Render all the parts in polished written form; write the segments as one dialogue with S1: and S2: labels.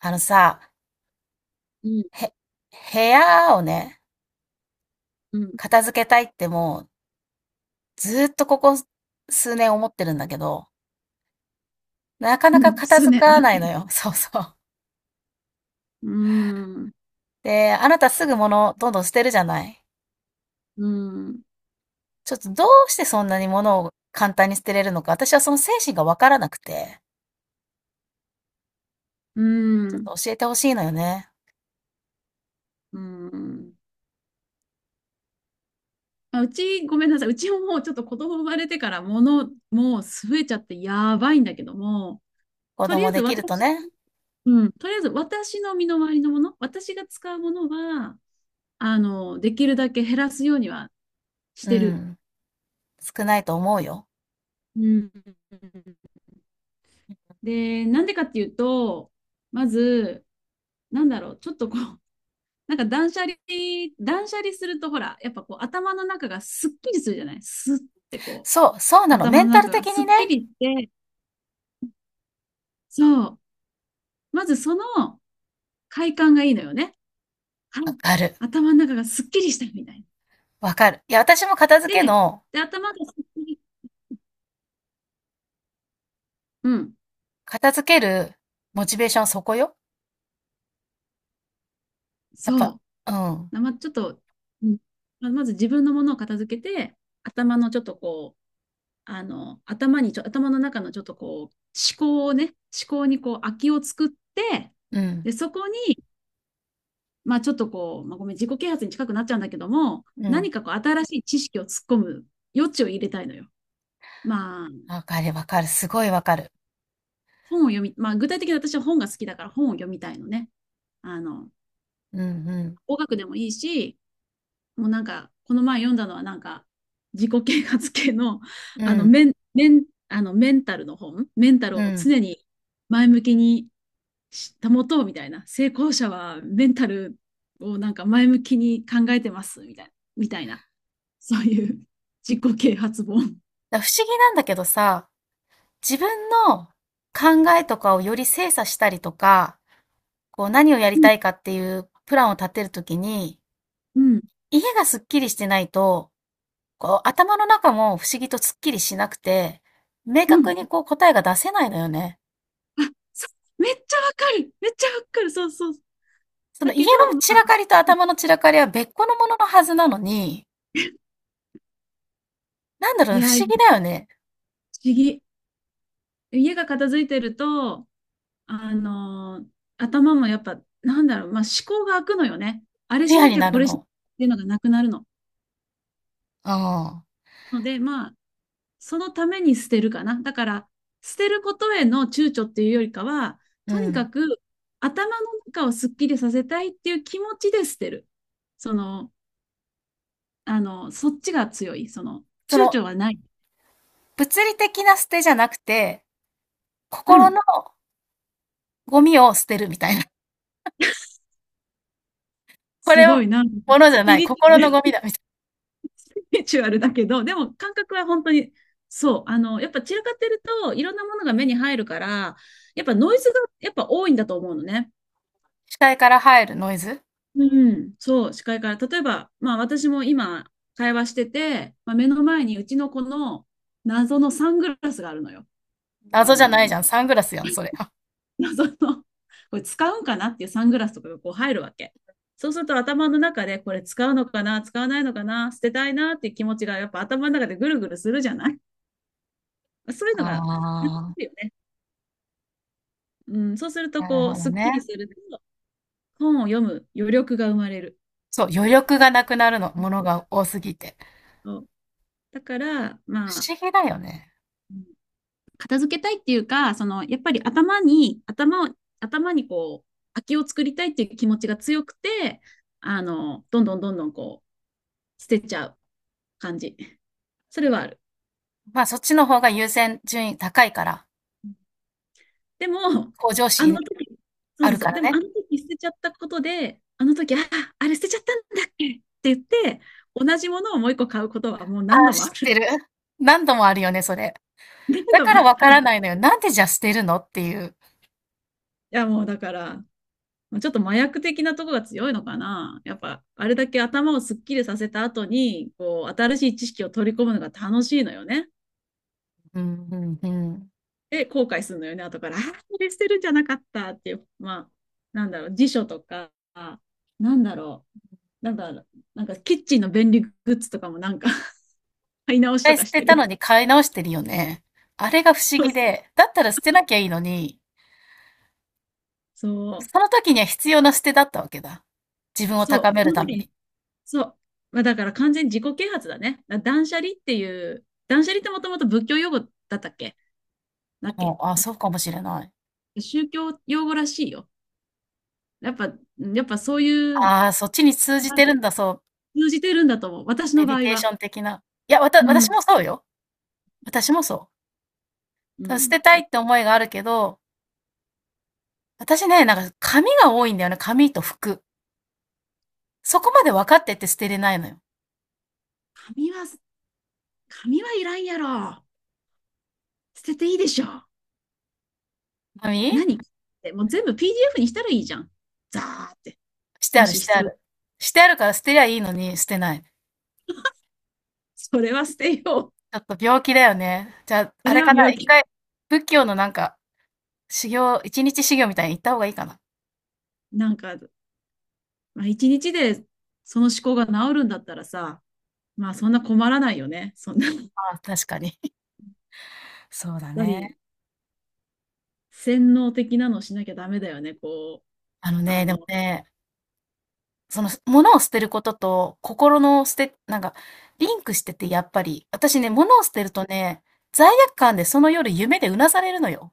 S1: あのさ、
S2: うん、
S1: へ、部屋をね、
S2: うん、
S1: 片付けたいってもう、ずーっとここ数年思ってるんだけど、なかな
S2: う
S1: か
S2: ん、
S1: 片
S2: 数
S1: 付
S2: 年。
S1: かないのよ。そうそう。
S2: うん、う
S1: で、あなたすぐ物どんどん捨てるじゃない。
S2: ん、
S1: ちょっとどうしてそんなに物を簡単に捨てれるのか、私はその精神がわからなくて、
S2: う
S1: ちょっ
S2: ん、
S1: と教えてほしいのよね。
S2: うん。あ、うち、ごめんなさい。うちももうちょっと子供生まれてから物、もう増えちゃってやばいんだけども、
S1: 子
S2: とりあえ
S1: 供
S2: ず
S1: できると
S2: 私、
S1: ね。
S2: うん、とりあえず私の身の回りのもの、私が使うものは、できるだけ減らすようにはし
S1: う
S2: てる。
S1: ん。少ないと思うよ。
S2: うん。で、なんでかっていうと、まず、なんだろう、ちょっとこう、なんか断捨離するとほら、やっぱこう頭の中がすっきりするじゃないスってこう、
S1: そう、そうなの。メ
S2: 頭
S1: ン
S2: の
S1: タル
S2: 中が
S1: 的
S2: す
S1: に
S2: っ
S1: ね。
S2: きりして、そう。まずその快感がいいのよね。はい。
S1: わかる。
S2: 頭の中がすっきりしたみたいな。
S1: わかる。いや、私も片付け
S2: で、
S1: の
S2: で、頭がすっきり、うん、
S1: 片付けるモチベーションはそこよ。やっぱ、
S2: そ
S1: うん、
S2: う。ま、ちょっと、うんままず自分のものを片付けて、頭のちょっとこう、頭の中のちょっとこう、思考をね、思考にこう、空きを作って、
S1: うん、
S2: で、そこまあちょっとこう、まあ、ごめん、自己啓発に近くなっちゃうんだけども、
S1: うん。
S2: 何かこう新しい知識を突っ込む余地を入れたいのよ。まあ、
S1: わかるわかる。すごいわかる。
S2: 本を読み、まあ具体的に私は本が好きだから本を読みたいのね。あの、
S1: うん、うん、
S2: 語学でもいいし、もうなんか、この前読んだのはなんか、自己啓発系の、
S1: うん、
S2: メンタルの本、メンタル
S1: う
S2: を
S1: ん。
S2: 常に前向きに保とうみたいな、成功者はメンタルをなんか前向きに考えてますみたいな、みたいな。そういう自己啓発本。
S1: だから不思議なんだけどさ、自分の考えとかをより精査したりとか、こう何をや
S2: う
S1: り
S2: ん。
S1: たいかっていうプランを立てるときに、
S2: うん
S1: 家がすっきりしてないと、こう頭の中も不思議とすっきりしなくて、明
S2: うん。
S1: 確にこう答えが出せないのよね。
S2: あ、そうめっちゃわかる。めっちゃわかる。そうそう。
S1: その
S2: だ
S1: 家の
S2: けど、ま
S1: 散ら
S2: あ、
S1: かりと頭の散らかりは別個のもののはずなのに、なんだろ
S2: い
S1: うね、
S2: や、
S1: 不思議
S2: 不
S1: だよね。
S2: 思議。家が片付いてると、あのー頭もやっぱ、なんだろう、まあ、思考が開くのよね。あ
S1: ク
S2: れ
S1: リ
S2: し
S1: ア
S2: な
S1: に
S2: きゃ
S1: な
S2: こ
S1: る
S2: れしなきゃ
S1: の。
S2: っていうのがなくなるの。
S1: ああ、
S2: ので、まあ、そのために捨てるかな。だから、捨てることへの躊躇っていうよりかは、
S1: う
S2: とにか
S1: ん。
S2: く頭の中をすっきりさせたいっていう気持ちで捨てる。その、そっちが強い。
S1: そ
S2: 躊
S1: の、
S2: 躇はない。
S1: 物理的な捨てじゃなくて、
S2: う
S1: 心
S2: ん。
S1: のゴミを捨てるみたいな。こ
S2: す
S1: れ
S2: ご
S1: は
S2: いな。
S1: 物じ
S2: ス
S1: ゃな
S2: ピ
S1: い、
S2: リチュア
S1: 心
S2: ル
S1: のゴミ
S2: ス
S1: だ、みたいな。
S2: ピリチュアルだけど、でも感覚は本当に、そう。やっぱ散らかってると、いろんなものが目に入るから、やっぱノイズがやっぱ多いんだと思うのね。
S1: 視界から入るノイズ。
S2: うん。そう、視界から。例えば、まあ私も今、会話してて、まあ、目の前にうちの子の謎のサングラスがあるのよ。多
S1: 謎じゃないじ
S2: 分。
S1: ゃん。サングラスやん、それ。あ
S2: 謎の、これ使うんかなっていうサングラスとかがこう入るわけ。そうすると頭の中でこれ使うのかな、使わないのかな、捨てたいなっていう気持ちがやっぱ頭の中でぐるぐるするじゃない そういうのが楽し
S1: あ、
S2: いよね。うん、そうすると
S1: なる
S2: こう、
S1: ほど
S2: すっきり
S1: ね。
S2: すると、本を読む余力が生まれる。
S1: そう、余力がなくなるの、ものが多すぎて。
S2: そうだから、
S1: 不
S2: まあ、
S1: 思議だよね。
S2: うん片付けたいっていうか、その、やっぱり頭にこう、空きを作りたいっていう気持ちが強くて、どんどんどんどんこう、捨てちゃう。感じ。それはある。
S1: まあ、そっちの方が優先順位高いから、
S2: でも、
S1: 向上
S2: あの
S1: 心
S2: 時、そう
S1: あ
S2: そう
S1: る
S2: そ
S1: か
S2: う、
S1: ら
S2: でもあ
S1: ね。
S2: の時捨てちゃったことで、あの時、あ、あれ捨てちゃったんだっけって言って、同じものをもう一個買うことはもう何
S1: ああ、
S2: 度もあ
S1: 知って
S2: る。
S1: る。何度もあるよね、それ。
S2: 何
S1: だ
S2: 度
S1: か
S2: も。い
S1: らわからないのよ。なんでじゃあ捨てるのっていう。
S2: や、もうだから、ちょっと麻薬的なとこが強いのかな。やっぱ、あれだけ頭をすっきりさせた後に、こう、新しい知識を取り込むのが楽しいのよね。
S1: うん、うん、うん。
S2: で、後悔するのよね、後から。ああ、これ捨てるんじゃなかったっていう、まあ、なんだろう、辞書とか、なんだろう、なんだろう、なんかキッチンの便利グッズとかもなんか買い直
S1: 一
S2: しと
S1: 回
S2: か
S1: 捨
S2: し
S1: て
S2: て
S1: た
S2: る。
S1: のに買い直してるよね。あれが不思
S2: そう、
S1: 議で、だったら捨てなきゃいいのに、
S2: そう、
S1: その時には必要な捨てだったわけだ。自分を
S2: そ
S1: 高
S2: う、
S1: め
S2: そ
S1: る
S2: の
S1: ため
S2: 時
S1: に。
S2: に、そう、まあ、だから完全に自己啓発だね。断捨離っていう、断捨離ってもともと仏教用語だったっけだっ
S1: も
S2: け
S1: う、あ、そ
S2: 確
S1: うかもしれない。
S2: か宗教用語らしいよ。やっぱそういう、
S1: ああ、そっちに通じ
S2: ま
S1: て
S2: あ
S1: るんだ、そう。
S2: 通じてるんだと思う。私
S1: メ
S2: の
S1: デ
S2: 場
S1: ィ
S2: 合
S1: テーショ
S2: は。
S1: ン的な。いや、わた、
S2: う
S1: 私
S2: ん。
S1: もそうよ。私もそ
S2: う
S1: う。捨
S2: ん。
S1: てたいって思いがあるけど、私ね、なんか紙が多いんだよね。紙と服。そこまで分かってて捨てれないのよ。
S2: 紙は、紙はいらんやろ。捨てていいでしょ。
S1: 紙
S2: 何ってもう全部 PDF にしたらいいじゃん。ザーって。
S1: してあ
S2: も
S1: る
S2: し
S1: して
S2: 必
S1: あ
S2: 要、
S1: る。してあるから捨てりゃいいのに、捨てない。
S2: それは捨てよう。
S1: ちょっと病気だよね。じゃあ、
S2: そ
S1: あれ
S2: れ
S1: か
S2: は
S1: な、
S2: 病
S1: 一
S2: 気。
S1: 回、仏教のなんか、修行、一日修行みたいに行った方がいいかな。
S2: なんか、まあ、一日でその思考が治るんだったらさ、まあそんな困らないよね。そんな、やっ
S1: ああ、確かに。そうだ
S2: ぱり
S1: ね。
S2: 洗脳的なのしなきゃダメだよね。
S1: あの
S2: あ
S1: ね、でも
S2: の、
S1: ね、その、物を捨てることと、心の捨てなんか、リンクしてて、やっぱり。私ね、物を捨てるとね、罪悪感でその夜夢でうなされるのよ。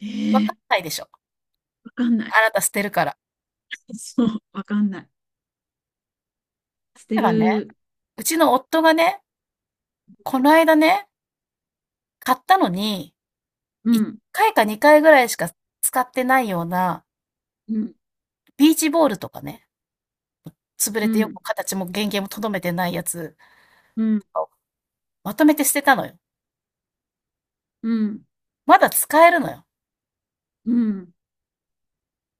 S2: え
S1: わかん
S2: ー、
S1: ないでしょ。
S2: わかんない。
S1: あなた捨てるから。
S2: そう、わかんない。捨て
S1: 例えばね、
S2: る。
S1: うちの夫がね、この間ね、買ったのに
S2: う
S1: 1
S2: ん、
S1: 回か2回ぐらいしか使ってないような、
S2: うん、
S1: ビーチボールとかね、潰れ
S2: う
S1: てよ
S2: ん、
S1: く形も原型もとどめてないやつ
S2: うん、
S1: をまとめて捨てたのよ。
S2: うん、
S1: まだ使えるのよ。
S2: うん、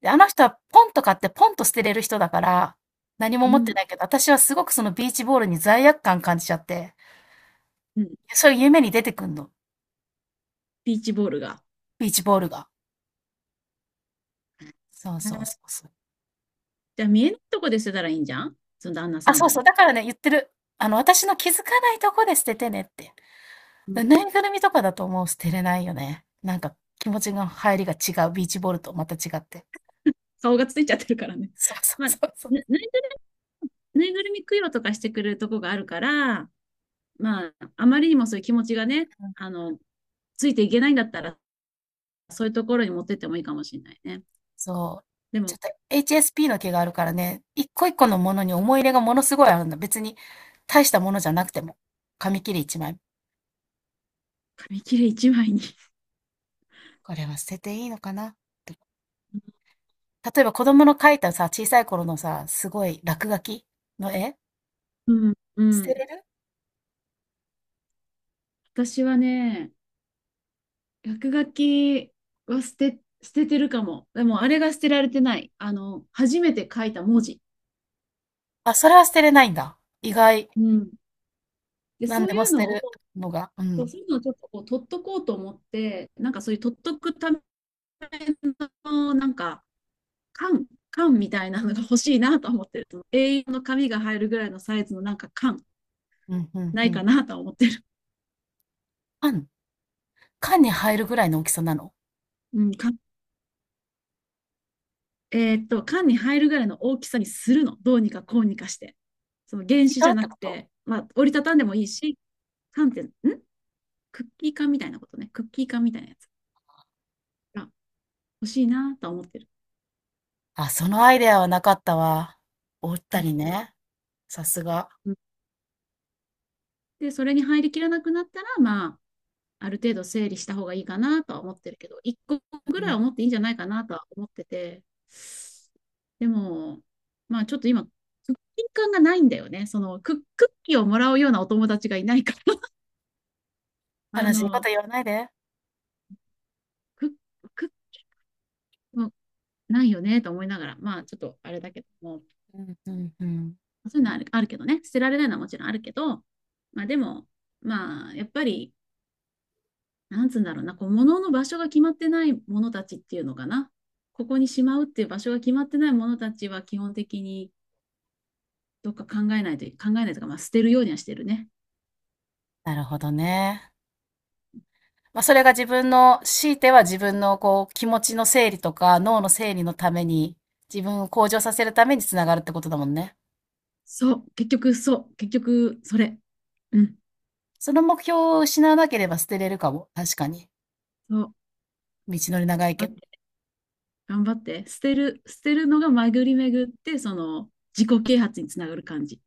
S1: で、あの人はポンと買ってポンと捨てれる人だから、何も
S2: う
S1: 持って
S2: ん、
S1: ないけど、私はすごくそのビーチボールに罪悪感感じちゃって、
S2: うん。
S1: そういう夢に出てくんの、
S2: ビーチボールが。
S1: ビーチボールが。そうそうそうそう。
S2: じゃあ見えないとこで捨てたらいいんじゃんその旦那
S1: あ、
S2: さ
S1: そ
S2: ん
S1: うそう、
S2: も。
S1: だからね、言ってる。あの、私の気づかないとこで捨ててねって。
S2: うん、
S1: ぬいぐるみとかだともう捨てれないよね。なんか気持ちの入りが違う、ビーチボールとまた違って。
S2: 顔がついちゃってるからね。
S1: そうそ
S2: ま
S1: う
S2: あ、
S1: そ
S2: な、
S1: うそう。
S2: なぬいぐるみ供養とかしてくれるとこがあるから、まあ、あまりにもそういう気持ちがね、
S1: うん、
S2: あの、ついていけないんだったら、そういうところに持ってってもいいかもしれないね。
S1: そう。
S2: で
S1: ちょ
S2: も、
S1: っと HSP の毛があるからね、一個一個のものに思い入れがものすごいあるんだ。別に大したものじゃなくても。紙切れ1枚。
S2: 紙切れ一枚に。
S1: これは捨てていいのかな、とか例えば子供の描いたさ、小さい頃のさ、すごい落書きの絵
S2: うん、う
S1: 捨て
S2: ん。
S1: れる。
S2: 私はね、落書きは捨ててるかも。でも、あれが捨てられてない。あの、初めて書いた文字。
S1: あ、それは捨てれないんだ。意外。
S2: うん。で、
S1: 何
S2: そ
S1: で
S2: う
S1: も
S2: いう
S1: 捨て
S2: のを、
S1: るのが。う
S2: そう
S1: ん。
S2: そういうのをちょっとこう取っとこうと思って、なんかそういう取っとくための、なんか、缶、缶みたいなのが欲しいなと思ってると、栄養の紙が入るぐらいのサイズのなんか缶、
S1: うん、うん、
S2: な
S1: う
S2: い
S1: ん。
S2: かなと思ってる。
S1: あんの、缶に入るぐらいの大きさなの？
S2: うん、缶えーっと、缶に入るぐらいの大きさにするの。どうにかこうにかして。その原
S1: リッ
S2: 子
S1: ト
S2: じ
S1: ル
S2: ゃ
S1: っ
S2: な
S1: てこ
S2: く
S1: と？
S2: て、まあ、折りたたんでもいいし、缶って、んクッキー缶みたいなことね。クッキー缶みたいなやつが欲しいなと思ってる。
S1: あ、そのアイデアはなかったわ。おったり
S2: う
S1: ね、さすが。
S2: んで、それに入りきらなくなったら、まあ、ある程度整理した方がいいかなとは思ってるけど、1個
S1: う
S2: ぐらい
S1: ん。
S2: は持っていいんじゃないかなとは思ってて、でも、まあちょっと今、クッキー感がないんだよね。クッキーをもらうようなお友達がいないから
S1: 悲しいこと言わないで。
S2: クッ、クッもないよねと思いながら、まあちょっとあれだけども、
S1: うん、うん、うん。
S2: そういうのあるけどね、捨てられないのはもちろんあるけど、まあでも、まあやっぱり、なんつうんだろうな、こう、物の場所が決まってないものたちっていうのかな。ここにしまうっていう場所が決まってないものたちは基本的にどっか考えないとか、まあ、捨てるようにはしてるね。
S1: なるほどね。まあ、それが自分の強いては自分のこう、気持ちの整理とか、脳の整理のために、自分を向上させるために繋がるってことだもんね。
S2: そう、結局、そう、結局、それ。うん、
S1: その目標を失わなければ捨てれるかも、確かに。
S2: そう、
S1: 道のり長い
S2: 頑
S1: け
S2: 張
S1: ど。
S2: って、捨てるのが巡り巡って、その自己啓発につながる感じ。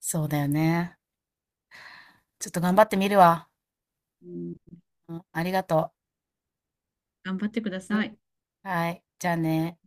S1: そうだよね。ちょっと頑張ってみるわ。
S2: うん、
S1: うん、ありがと
S2: 頑張ってくだ
S1: う。う
S2: さ
S1: ん、
S2: い。
S1: はい、じゃあね。